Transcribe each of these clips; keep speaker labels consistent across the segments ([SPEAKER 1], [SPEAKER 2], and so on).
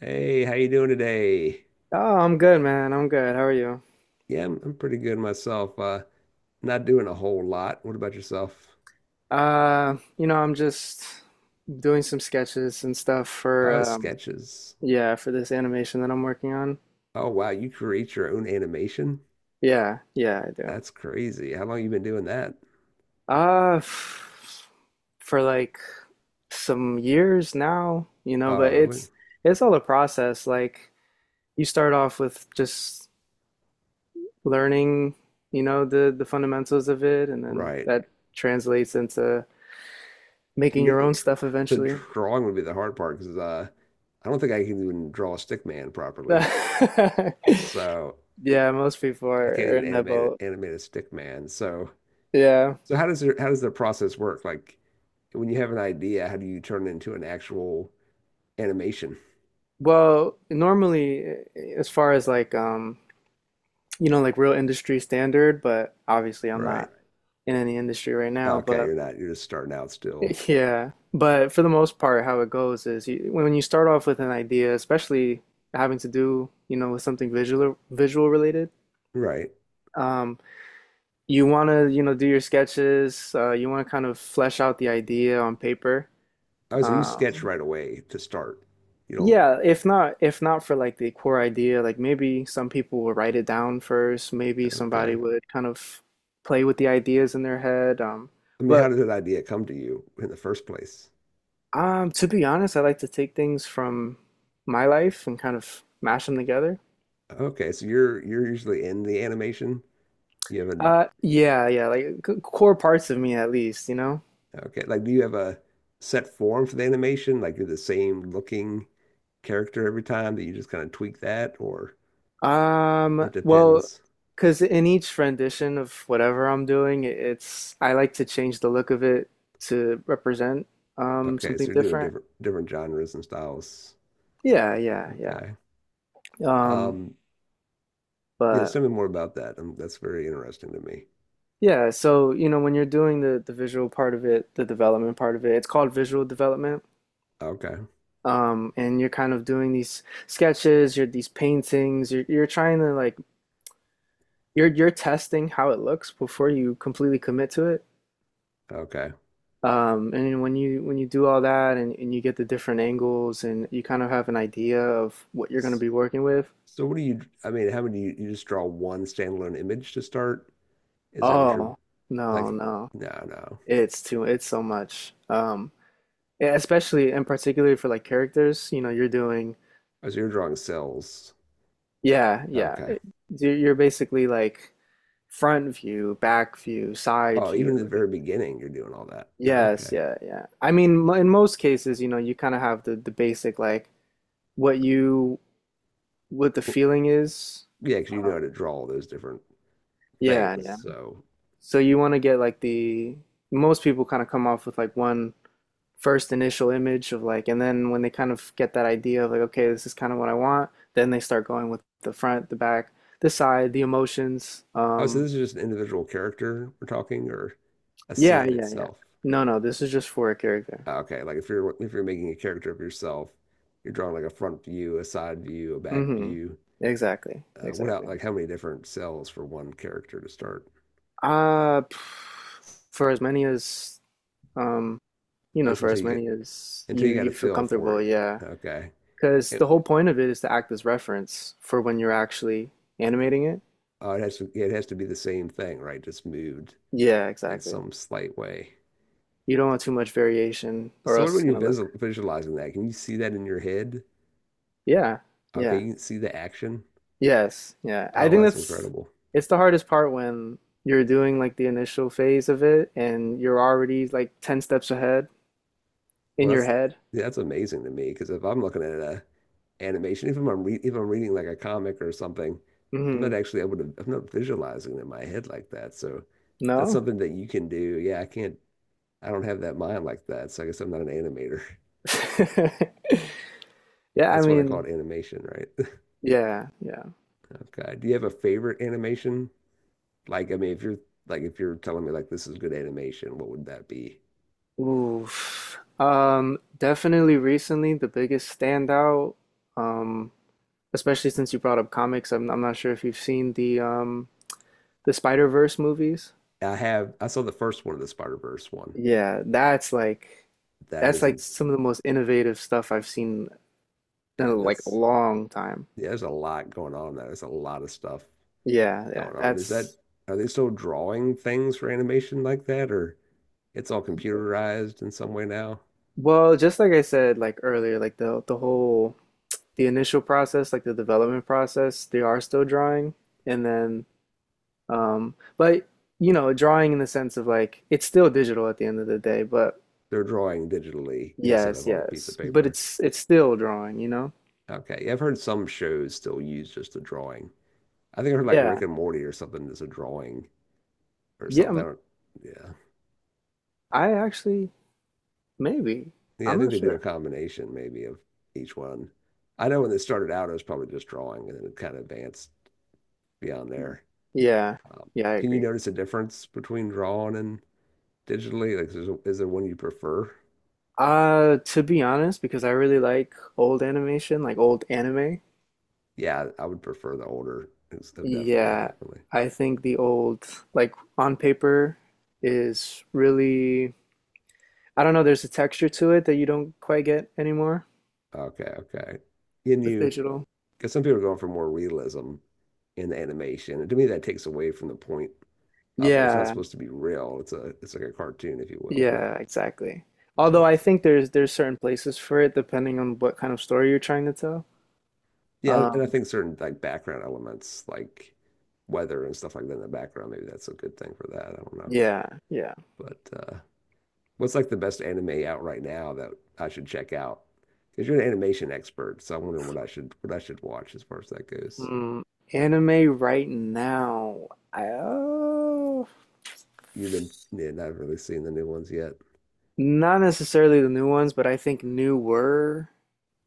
[SPEAKER 1] Hey, how you doing today?
[SPEAKER 2] Oh, I'm good, man. I'm good. How are you?
[SPEAKER 1] Yeah, I'm pretty good myself. Not doing a whole lot. What about yourself?
[SPEAKER 2] You know, I'm just doing some sketches and stuff for
[SPEAKER 1] Oh, sketches.
[SPEAKER 2] yeah, for this animation that I'm working on.
[SPEAKER 1] Oh, wow, you create your own animation?
[SPEAKER 2] Yeah, yeah, I do.
[SPEAKER 1] That's crazy. How long you been doing that?
[SPEAKER 2] F for like some years now, you know,
[SPEAKER 1] Oh,
[SPEAKER 2] but
[SPEAKER 1] really?
[SPEAKER 2] it's all a process. Like you start off with just learning, you know, the fundamentals of it, and then
[SPEAKER 1] Right.
[SPEAKER 2] that translates into
[SPEAKER 1] To
[SPEAKER 2] making
[SPEAKER 1] me,
[SPEAKER 2] your own stuff
[SPEAKER 1] the
[SPEAKER 2] eventually.
[SPEAKER 1] drawing would be the hard part because I don't think I can even draw a stick man properly. So
[SPEAKER 2] Yeah, most people
[SPEAKER 1] I
[SPEAKER 2] are
[SPEAKER 1] can't
[SPEAKER 2] are
[SPEAKER 1] even
[SPEAKER 2] in that
[SPEAKER 1] animate it,
[SPEAKER 2] boat.
[SPEAKER 1] animate a stick man. So
[SPEAKER 2] Yeah.
[SPEAKER 1] so how does the process work? Like when you have an idea, how do you turn it into an actual animation.
[SPEAKER 2] Well, normally, as far as like, you know, like real industry standard, but obviously I'm
[SPEAKER 1] Right.
[SPEAKER 2] not in any industry right now,
[SPEAKER 1] Okay,
[SPEAKER 2] but
[SPEAKER 1] you're not. You're just starting out still.
[SPEAKER 2] yeah. But for the most part, how it goes is you, when you start off with an idea, especially having to do, you know, with something visual related,
[SPEAKER 1] Right.
[SPEAKER 2] um, you want to, you know, do your sketches, you want to kind of flesh out the idea on paper.
[SPEAKER 1] I was you
[SPEAKER 2] uh,
[SPEAKER 1] sketch right away to start. You don't.
[SPEAKER 2] Yeah, if not for like the core idea, like maybe some people will write it down first, maybe somebody
[SPEAKER 1] Okay.
[SPEAKER 2] would kind of play with the ideas in their head.
[SPEAKER 1] I mean, how
[SPEAKER 2] But
[SPEAKER 1] did that idea come to you in the first place?
[SPEAKER 2] To be honest, I like to take things from my life and kind of mash them together.
[SPEAKER 1] Okay, so you're usually in the animation. You have a
[SPEAKER 2] Yeah, yeah, like c- core parts of me at least, you know?
[SPEAKER 1] okay, like do you have a set form for the animation? Like you're the same looking character every time that you just kind of tweak that, or it
[SPEAKER 2] Well,
[SPEAKER 1] depends.
[SPEAKER 2] because in each rendition of whatever I'm doing, it- it's I like to change the look of it to represent
[SPEAKER 1] Okay, so
[SPEAKER 2] something
[SPEAKER 1] you're doing
[SPEAKER 2] different.
[SPEAKER 1] different genres and styles.
[SPEAKER 2] Yeah, yeah, yeah.
[SPEAKER 1] Okay.
[SPEAKER 2] Um,
[SPEAKER 1] Um, Yes,
[SPEAKER 2] but
[SPEAKER 1] tell me more about that. That's very interesting to me.
[SPEAKER 2] Yeah, so you know, when you're doing the visual part of it, the development part of it, it's called visual development.
[SPEAKER 1] Okay.
[SPEAKER 2] And you're kind of doing these sketches, you're these paintings, you're trying to like you're testing how it looks before you completely commit to it.
[SPEAKER 1] Okay.
[SPEAKER 2] And when you do all that and you get the different angles and you kind of have an idea of what you're going to
[SPEAKER 1] S-
[SPEAKER 2] be working with,
[SPEAKER 1] So what do you, I mean, how many, you just draw one standalone image to start? Is that what you're
[SPEAKER 2] oh, no,
[SPEAKER 1] like?
[SPEAKER 2] no.
[SPEAKER 1] No, no.
[SPEAKER 2] It's too it's so much. Yeah, especially and particularly for like characters, you know, you're doing
[SPEAKER 1] Oh, so you're drawing cells.
[SPEAKER 2] yeah, yeah.
[SPEAKER 1] Okay.
[SPEAKER 2] It- You're basically like front view, back view, side
[SPEAKER 1] Oh,
[SPEAKER 2] view.
[SPEAKER 1] even at the very beginning, you're doing all that.
[SPEAKER 2] Yes,
[SPEAKER 1] Okay.
[SPEAKER 2] yeah, yeah. I mean, mo- in most cases, you know, you kind of have the basic like what you what the
[SPEAKER 1] Well,
[SPEAKER 2] feeling is.
[SPEAKER 1] yeah, because you know
[SPEAKER 2] Uh,
[SPEAKER 1] how to draw all those different
[SPEAKER 2] yeah,
[SPEAKER 1] things.
[SPEAKER 2] yeah.
[SPEAKER 1] So,
[SPEAKER 2] So you want to get like the most people kind of come off with like one first initial image of like, and then when they kind of get that idea of like, okay, this is kind of what I want, then they start going with the front, the back, the side, the emotions.
[SPEAKER 1] oh, so this is just an individual character we're talking or a
[SPEAKER 2] Yeah,
[SPEAKER 1] scene
[SPEAKER 2] yeah, yeah.
[SPEAKER 1] itself.
[SPEAKER 2] No, no, this is just for a character.
[SPEAKER 1] Oh, okay, if you're making a character of yourself, you're drawing like a front view, a side view, a back
[SPEAKER 2] Mm-hmm.
[SPEAKER 1] view.
[SPEAKER 2] Exactly,
[SPEAKER 1] What out,
[SPEAKER 2] exactly.
[SPEAKER 1] like how many different cells for one character to start?
[SPEAKER 2] Uh, p- for as many as um, you know,
[SPEAKER 1] Just
[SPEAKER 2] for
[SPEAKER 1] until
[SPEAKER 2] as
[SPEAKER 1] you
[SPEAKER 2] many
[SPEAKER 1] get
[SPEAKER 2] as
[SPEAKER 1] until
[SPEAKER 2] you
[SPEAKER 1] you got a
[SPEAKER 2] you feel
[SPEAKER 1] feel for
[SPEAKER 2] comfortable,
[SPEAKER 1] it.
[SPEAKER 2] yeah.
[SPEAKER 1] Okay.
[SPEAKER 2] Because the
[SPEAKER 1] It,
[SPEAKER 2] whole point of it is to act as reference for when you're actually animating it.
[SPEAKER 1] it has to yeah, it has to be the same thing, right? Just moved
[SPEAKER 2] Yeah,
[SPEAKER 1] in
[SPEAKER 2] exactly.
[SPEAKER 1] some slight way.
[SPEAKER 2] You don't want too much variation, or
[SPEAKER 1] So what
[SPEAKER 2] else it's
[SPEAKER 1] when you're
[SPEAKER 2] gonna look.
[SPEAKER 1] visualizing that, can you see that in your head?
[SPEAKER 2] Yeah,
[SPEAKER 1] Okay,
[SPEAKER 2] yeah,
[SPEAKER 1] you can see the action.
[SPEAKER 2] yes, yeah. I
[SPEAKER 1] Oh,
[SPEAKER 2] think
[SPEAKER 1] that's
[SPEAKER 2] that's
[SPEAKER 1] incredible.
[SPEAKER 2] it's the hardest part when you're doing like the initial phase of it and you're already like 10 steps ahead in
[SPEAKER 1] Well,
[SPEAKER 2] your
[SPEAKER 1] that's
[SPEAKER 2] head.
[SPEAKER 1] yeah, that's amazing to me because if I'm looking at a animation, even if I'm re if I'm reading like a comic or something, I'm not
[SPEAKER 2] hmm
[SPEAKER 1] actually able to. I'm not visualizing it in my head like that. So that's
[SPEAKER 2] No?
[SPEAKER 1] something that you can do. Yeah, I can't. I don't have that mind like that. So I guess I'm not an animator.
[SPEAKER 2] Yeah, I
[SPEAKER 1] That's why they call
[SPEAKER 2] mean,
[SPEAKER 1] it animation, right?
[SPEAKER 2] yeah, yeah.
[SPEAKER 1] Okay. Do you have a favorite animation? Like, I mean, if you're like if you're telling me like this is good animation, what would that be?
[SPEAKER 2] Oof. Definitely recently the biggest standout, um, especially since you brought up comics, I'm not sure if you've seen the Spider-Verse movies.
[SPEAKER 1] I have. I saw the first one of the Spider-Verse one.
[SPEAKER 2] Yeah,
[SPEAKER 1] That
[SPEAKER 2] that's like
[SPEAKER 1] isn't.
[SPEAKER 2] some of the most innovative stuff I've seen
[SPEAKER 1] Man,
[SPEAKER 2] in like a
[SPEAKER 1] that's
[SPEAKER 2] long time.
[SPEAKER 1] Yeah, there's a lot going on there. There's a lot of stuff
[SPEAKER 2] Yeah, yeah.
[SPEAKER 1] going on. Is that
[SPEAKER 2] That's
[SPEAKER 1] are they still drawing things for animation like that, or it's all computerized in some way now?
[SPEAKER 2] well, just like I said like earlier, like the whole the initial process, like the development process, they are still drawing and then but you know, drawing in the sense of like it's still digital at the end of the day, but
[SPEAKER 1] They're drawing digitally instead of
[SPEAKER 2] yes,
[SPEAKER 1] on a piece of
[SPEAKER 2] yes. But
[SPEAKER 1] paper.
[SPEAKER 2] it's still drawing, you know?
[SPEAKER 1] Okay, yeah, I've heard some shows still use just a drawing. I think I heard like
[SPEAKER 2] Yeah.
[SPEAKER 1] Rick and Morty or something that's a drawing or
[SPEAKER 2] Yeah,
[SPEAKER 1] something.
[SPEAKER 2] m-
[SPEAKER 1] I don't, yeah,
[SPEAKER 2] I actually maybe.
[SPEAKER 1] yeah, I
[SPEAKER 2] I'm
[SPEAKER 1] think
[SPEAKER 2] not
[SPEAKER 1] they do a
[SPEAKER 2] sure.
[SPEAKER 1] combination maybe of each one. I know when it started out, it was probably just drawing, and then it kind of advanced beyond there.
[SPEAKER 2] Yeah,
[SPEAKER 1] Um,
[SPEAKER 2] yeah, I
[SPEAKER 1] can you
[SPEAKER 2] agree.
[SPEAKER 1] notice a difference between drawing and digitally? Like, is there one you prefer?
[SPEAKER 2] To be honest, because I really like old animation, like old anime,
[SPEAKER 1] Yeah, I would prefer the older. It's oh, definitely,
[SPEAKER 2] yeah,
[SPEAKER 1] definitely.
[SPEAKER 2] I think the old, like on paper, is really, I don't know, there's a texture to it that you don't quite get anymore
[SPEAKER 1] Okay, okay. Can
[SPEAKER 2] with
[SPEAKER 1] you,
[SPEAKER 2] digital.
[SPEAKER 1] because some people are going for more realism in the animation, and to me, that takes away from the point of it. It's not
[SPEAKER 2] Yeah,
[SPEAKER 1] supposed to be real. It's like a cartoon, if you will.
[SPEAKER 2] yeah, exactly. Although
[SPEAKER 1] But
[SPEAKER 2] I think there's certain places for it depending on what kind of story you're trying to tell.
[SPEAKER 1] yeah, and I
[SPEAKER 2] Um,
[SPEAKER 1] think certain like background elements, like weather and stuff like that in the background, maybe that's a good thing for that. I don't know,
[SPEAKER 2] yeah, yeah.
[SPEAKER 1] but what's like the best anime out right now that I should check out? Because you're an animation expert, so I'm wondering what I should watch as far as that goes.
[SPEAKER 2] Hmm, anime right now. I, uh,
[SPEAKER 1] You've been yeah, not really seen the new ones yet.
[SPEAKER 2] Not necessarily the new ones, but I think newer,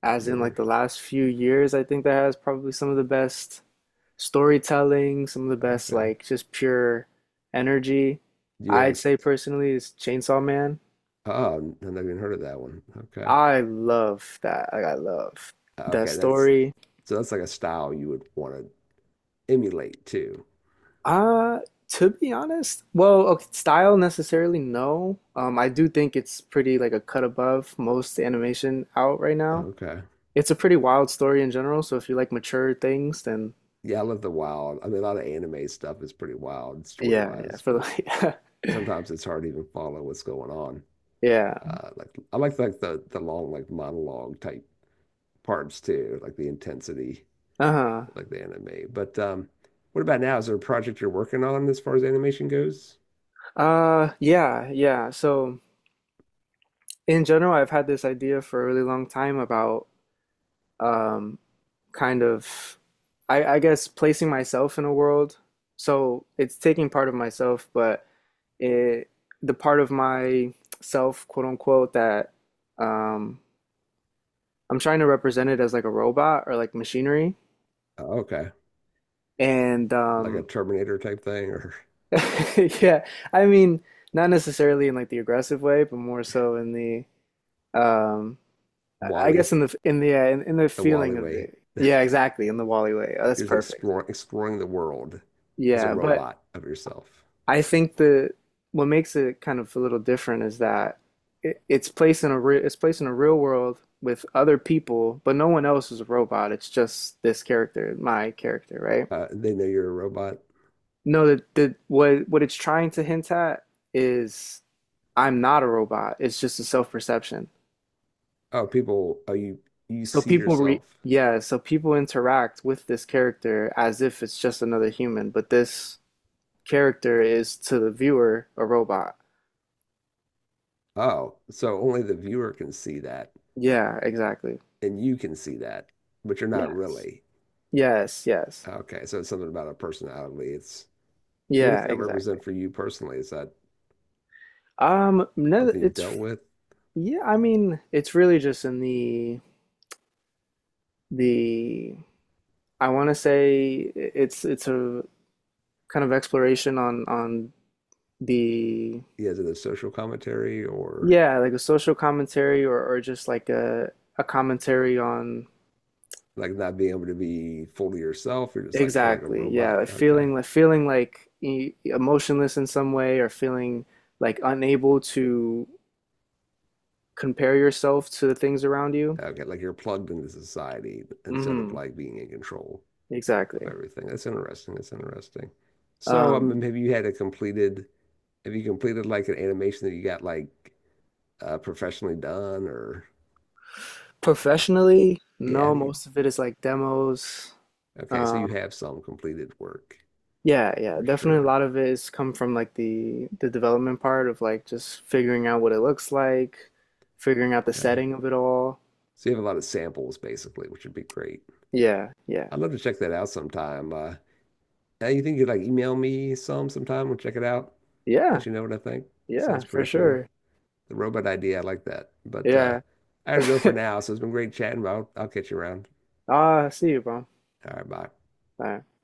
[SPEAKER 2] as
[SPEAKER 1] You
[SPEAKER 2] in like
[SPEAKER 1] were
[SPEAKER 2] the last few years, I think that has probably some of the best storytelling, some of the best
[SPEAKER 1] okay.
[SPEAKER 2] like just pure energy.
[SPEAKER 1] Do you have
[SPEAKER 2] I'd say personally is Chainsaw Man.
[SPEAKER 1] oh, I've never even heard of that one. Okay,
[SPEAKER 2] I love that. Like I love that
[SPEAKER 1] okay, that's
[SPEAKER 2] story.
[SPEAKER 1] so that's like a style you would want to emulate too.
[SPEAKER 2] Uh, to be honest, well, okay, style necessarily, no. I do think it's pretty like a cut above most animation out right now.
[SPEAKER 1] Okay,
[SPEAKER 2] It's a pretty wild story in general, so if you like mature things, then
[SPEAKER 1] yeah, I love the wild. I mean, a lot of anime stuff is pretty wild story
[SPEAKER 2] yeah, yeah,
[SPEAKER 1] wise,
[SPEAKER 2] for
[SPEAKER 1] but
[SPEAKER 2] the
[SPEAKER 1] sometimes it's hard to even follow what's going on.
[SPEAKER 2] yeah.
[SPEAKER 1] Like I like the long like monologue type parts too, like the intensity,
[SPEAKER 2] Uh-huh.
[SPEAKER 1] like the anime. But what about now? Is there a project you're working on as far as animation goes?
[SPEAKER 2] Yeah, yeah. So in general, I've had this idea for a really long time about um kind of I guess placing myself in a world. So it's taking part of myself, but it the part of myself, quote unquote, that um I'm trying to represent it as like a robot or like machinery.
[SPEAKER 1] Oh, okay,
[SPEAKER 2] And
[SPEAKER 1] like a Terminator type thing or
[SPEAKER 2] yeah, I mean, not necessarily in like the aggressive way, but more so in the um I guess
[SPEAKER 1] Wall-E,
[SPEAKER 2] in the in the
[SPEAKER 1] the Wall-E
[SPEAKER 2] feeling of
[SPEAKER 1] way.
[SPEAKER 2] it. Yeah, exactly, in the Wally way. Oh, that's
[SPEAKER 1] You're just
[SPEAKER 2] perfect.
[SPEAKER 1] exploring the world as a
[SPEAKER 2] Yeah, but
[SPEAKER 1] robot of yourself.
[SPEAKER 2] I think the what makes it kind of a little different is that it, it's placed in a re, it's placed in a real world with other people, but no one else is a robot. It's just this character, my character, right?
[SPEAKER 1] They know you're a robot.
[SPEAKER 2] No, the what it's trying to hint at is I'm not a robot. It's just a self-perception.
[SPEAKER 1] Oh you
[SPEAKER 2] So
[SPEAKER 1] see
[SPEAKER 2] people re
[SPEAKER 1] yourself.
[SPEAKER 2] yeah, so people interact with this character as if it's just another human, but this character is to the viewer a robot.
[SPEAKER 1] Oh, so only the viewer can see that,
[SPEAKER 2] Yeah, exactly.
[SPEAKER 1] and you can see that, but you're not
[SPEAKER 2] Yes.
[SPEAKER 1] really.
[SPEAKER 2] Yes, yes.
[SPEAKER 1] Okay, so it's something about a personality. It's what does
[SPEAKER 2] Yeah,
[SPEAKER 1] that
[SPEAKER 2] exactly.
[SPEAKER 1] represent for you personally? Is that
[SPEAKER 2] No,
[SPEAKER 1] something you've
[SPEAKER 2] it's
[SPEAKER 1] dealt with?
[SPEAKER 2] yeah, I mean, it's really just in the I want to say it's a kind of exploration on the
[SPEAKER 1] Yeah, is it a social commentary or
[SPEAKER 2] yeah, like a social commentary or just like a commentary on
[SPEAKER 1] like not being able to be fully yourself? You're just like feel like a
[SPEAKER 2] exactly. Yeah,
[SPEAKER 1] robot.
[SPEAKER 2] like
[SPEAKER 1] Okay.
[SPEAKER 2] feeling like e- emotionless in some way or feeling like unable to compare yourself to the things around you.
[SPEAKER 1] Okay, like you're plugged into society instead of
[SPEAKER 2] Mm-hmm.
[SPEAKER 1] like being in control of
[SPEAKER 2] Exactly.
[SPEAKER 1] everything. That's interesting. That's interesting. So,
[SPEAKER 2] Um,
[SPEAKER 1] have you completed like an animation that you got like professionally done or have you,
[SPEAKER 2] Professionally,
[SPEAKER 1] yeah,
[SPEAKER 2] no, most of it is like demos.
[SPEAKER 1] okay, so you
[SPEAKER 2] Um,
[SPEAKER 1] have some completed work
[SPEAKER 2] yeah, yeah,
[SPEAKER 1] for
[SPEAKER 2] definitely a
[SPEAKER 1] sure.
[SPEAKER 2] lot of it is come from like the development part of like just figuring out what it looks like, figuring out the
[SPEAKER 1] Okay.
[SPEAKER 2] setting of it all.
[SPEAKER 1] So you have a lot of samples basically, which would be great.
[SPEAKER 2] Yeah, yeah,
[SPEAKER 1] I'd love to check that out sometime. Think you would like email me some sometime? We'll check it out.
[SPEAKER 2] yeah,
[SPEAKER 1] Let you know what I think.
[SPEAKER 2] yeah,
[SPEAKER 1] Sounds
[SPEAKER 2] for
[SPEAKER 1] pretty cool.
[SPEAKER 2] sure.
[SPEAKER 1] The robot idea, I like that. But
[SPEAKER 2] Yeah.
[SPEAKER 1] I gotta go for now. So it's been great chatting. But I'll catch you around.
[SPEAKER 2] Ah, I see you, bro. All
[SPEAKER 1] All right, bye.
[SPEAKER 2] right.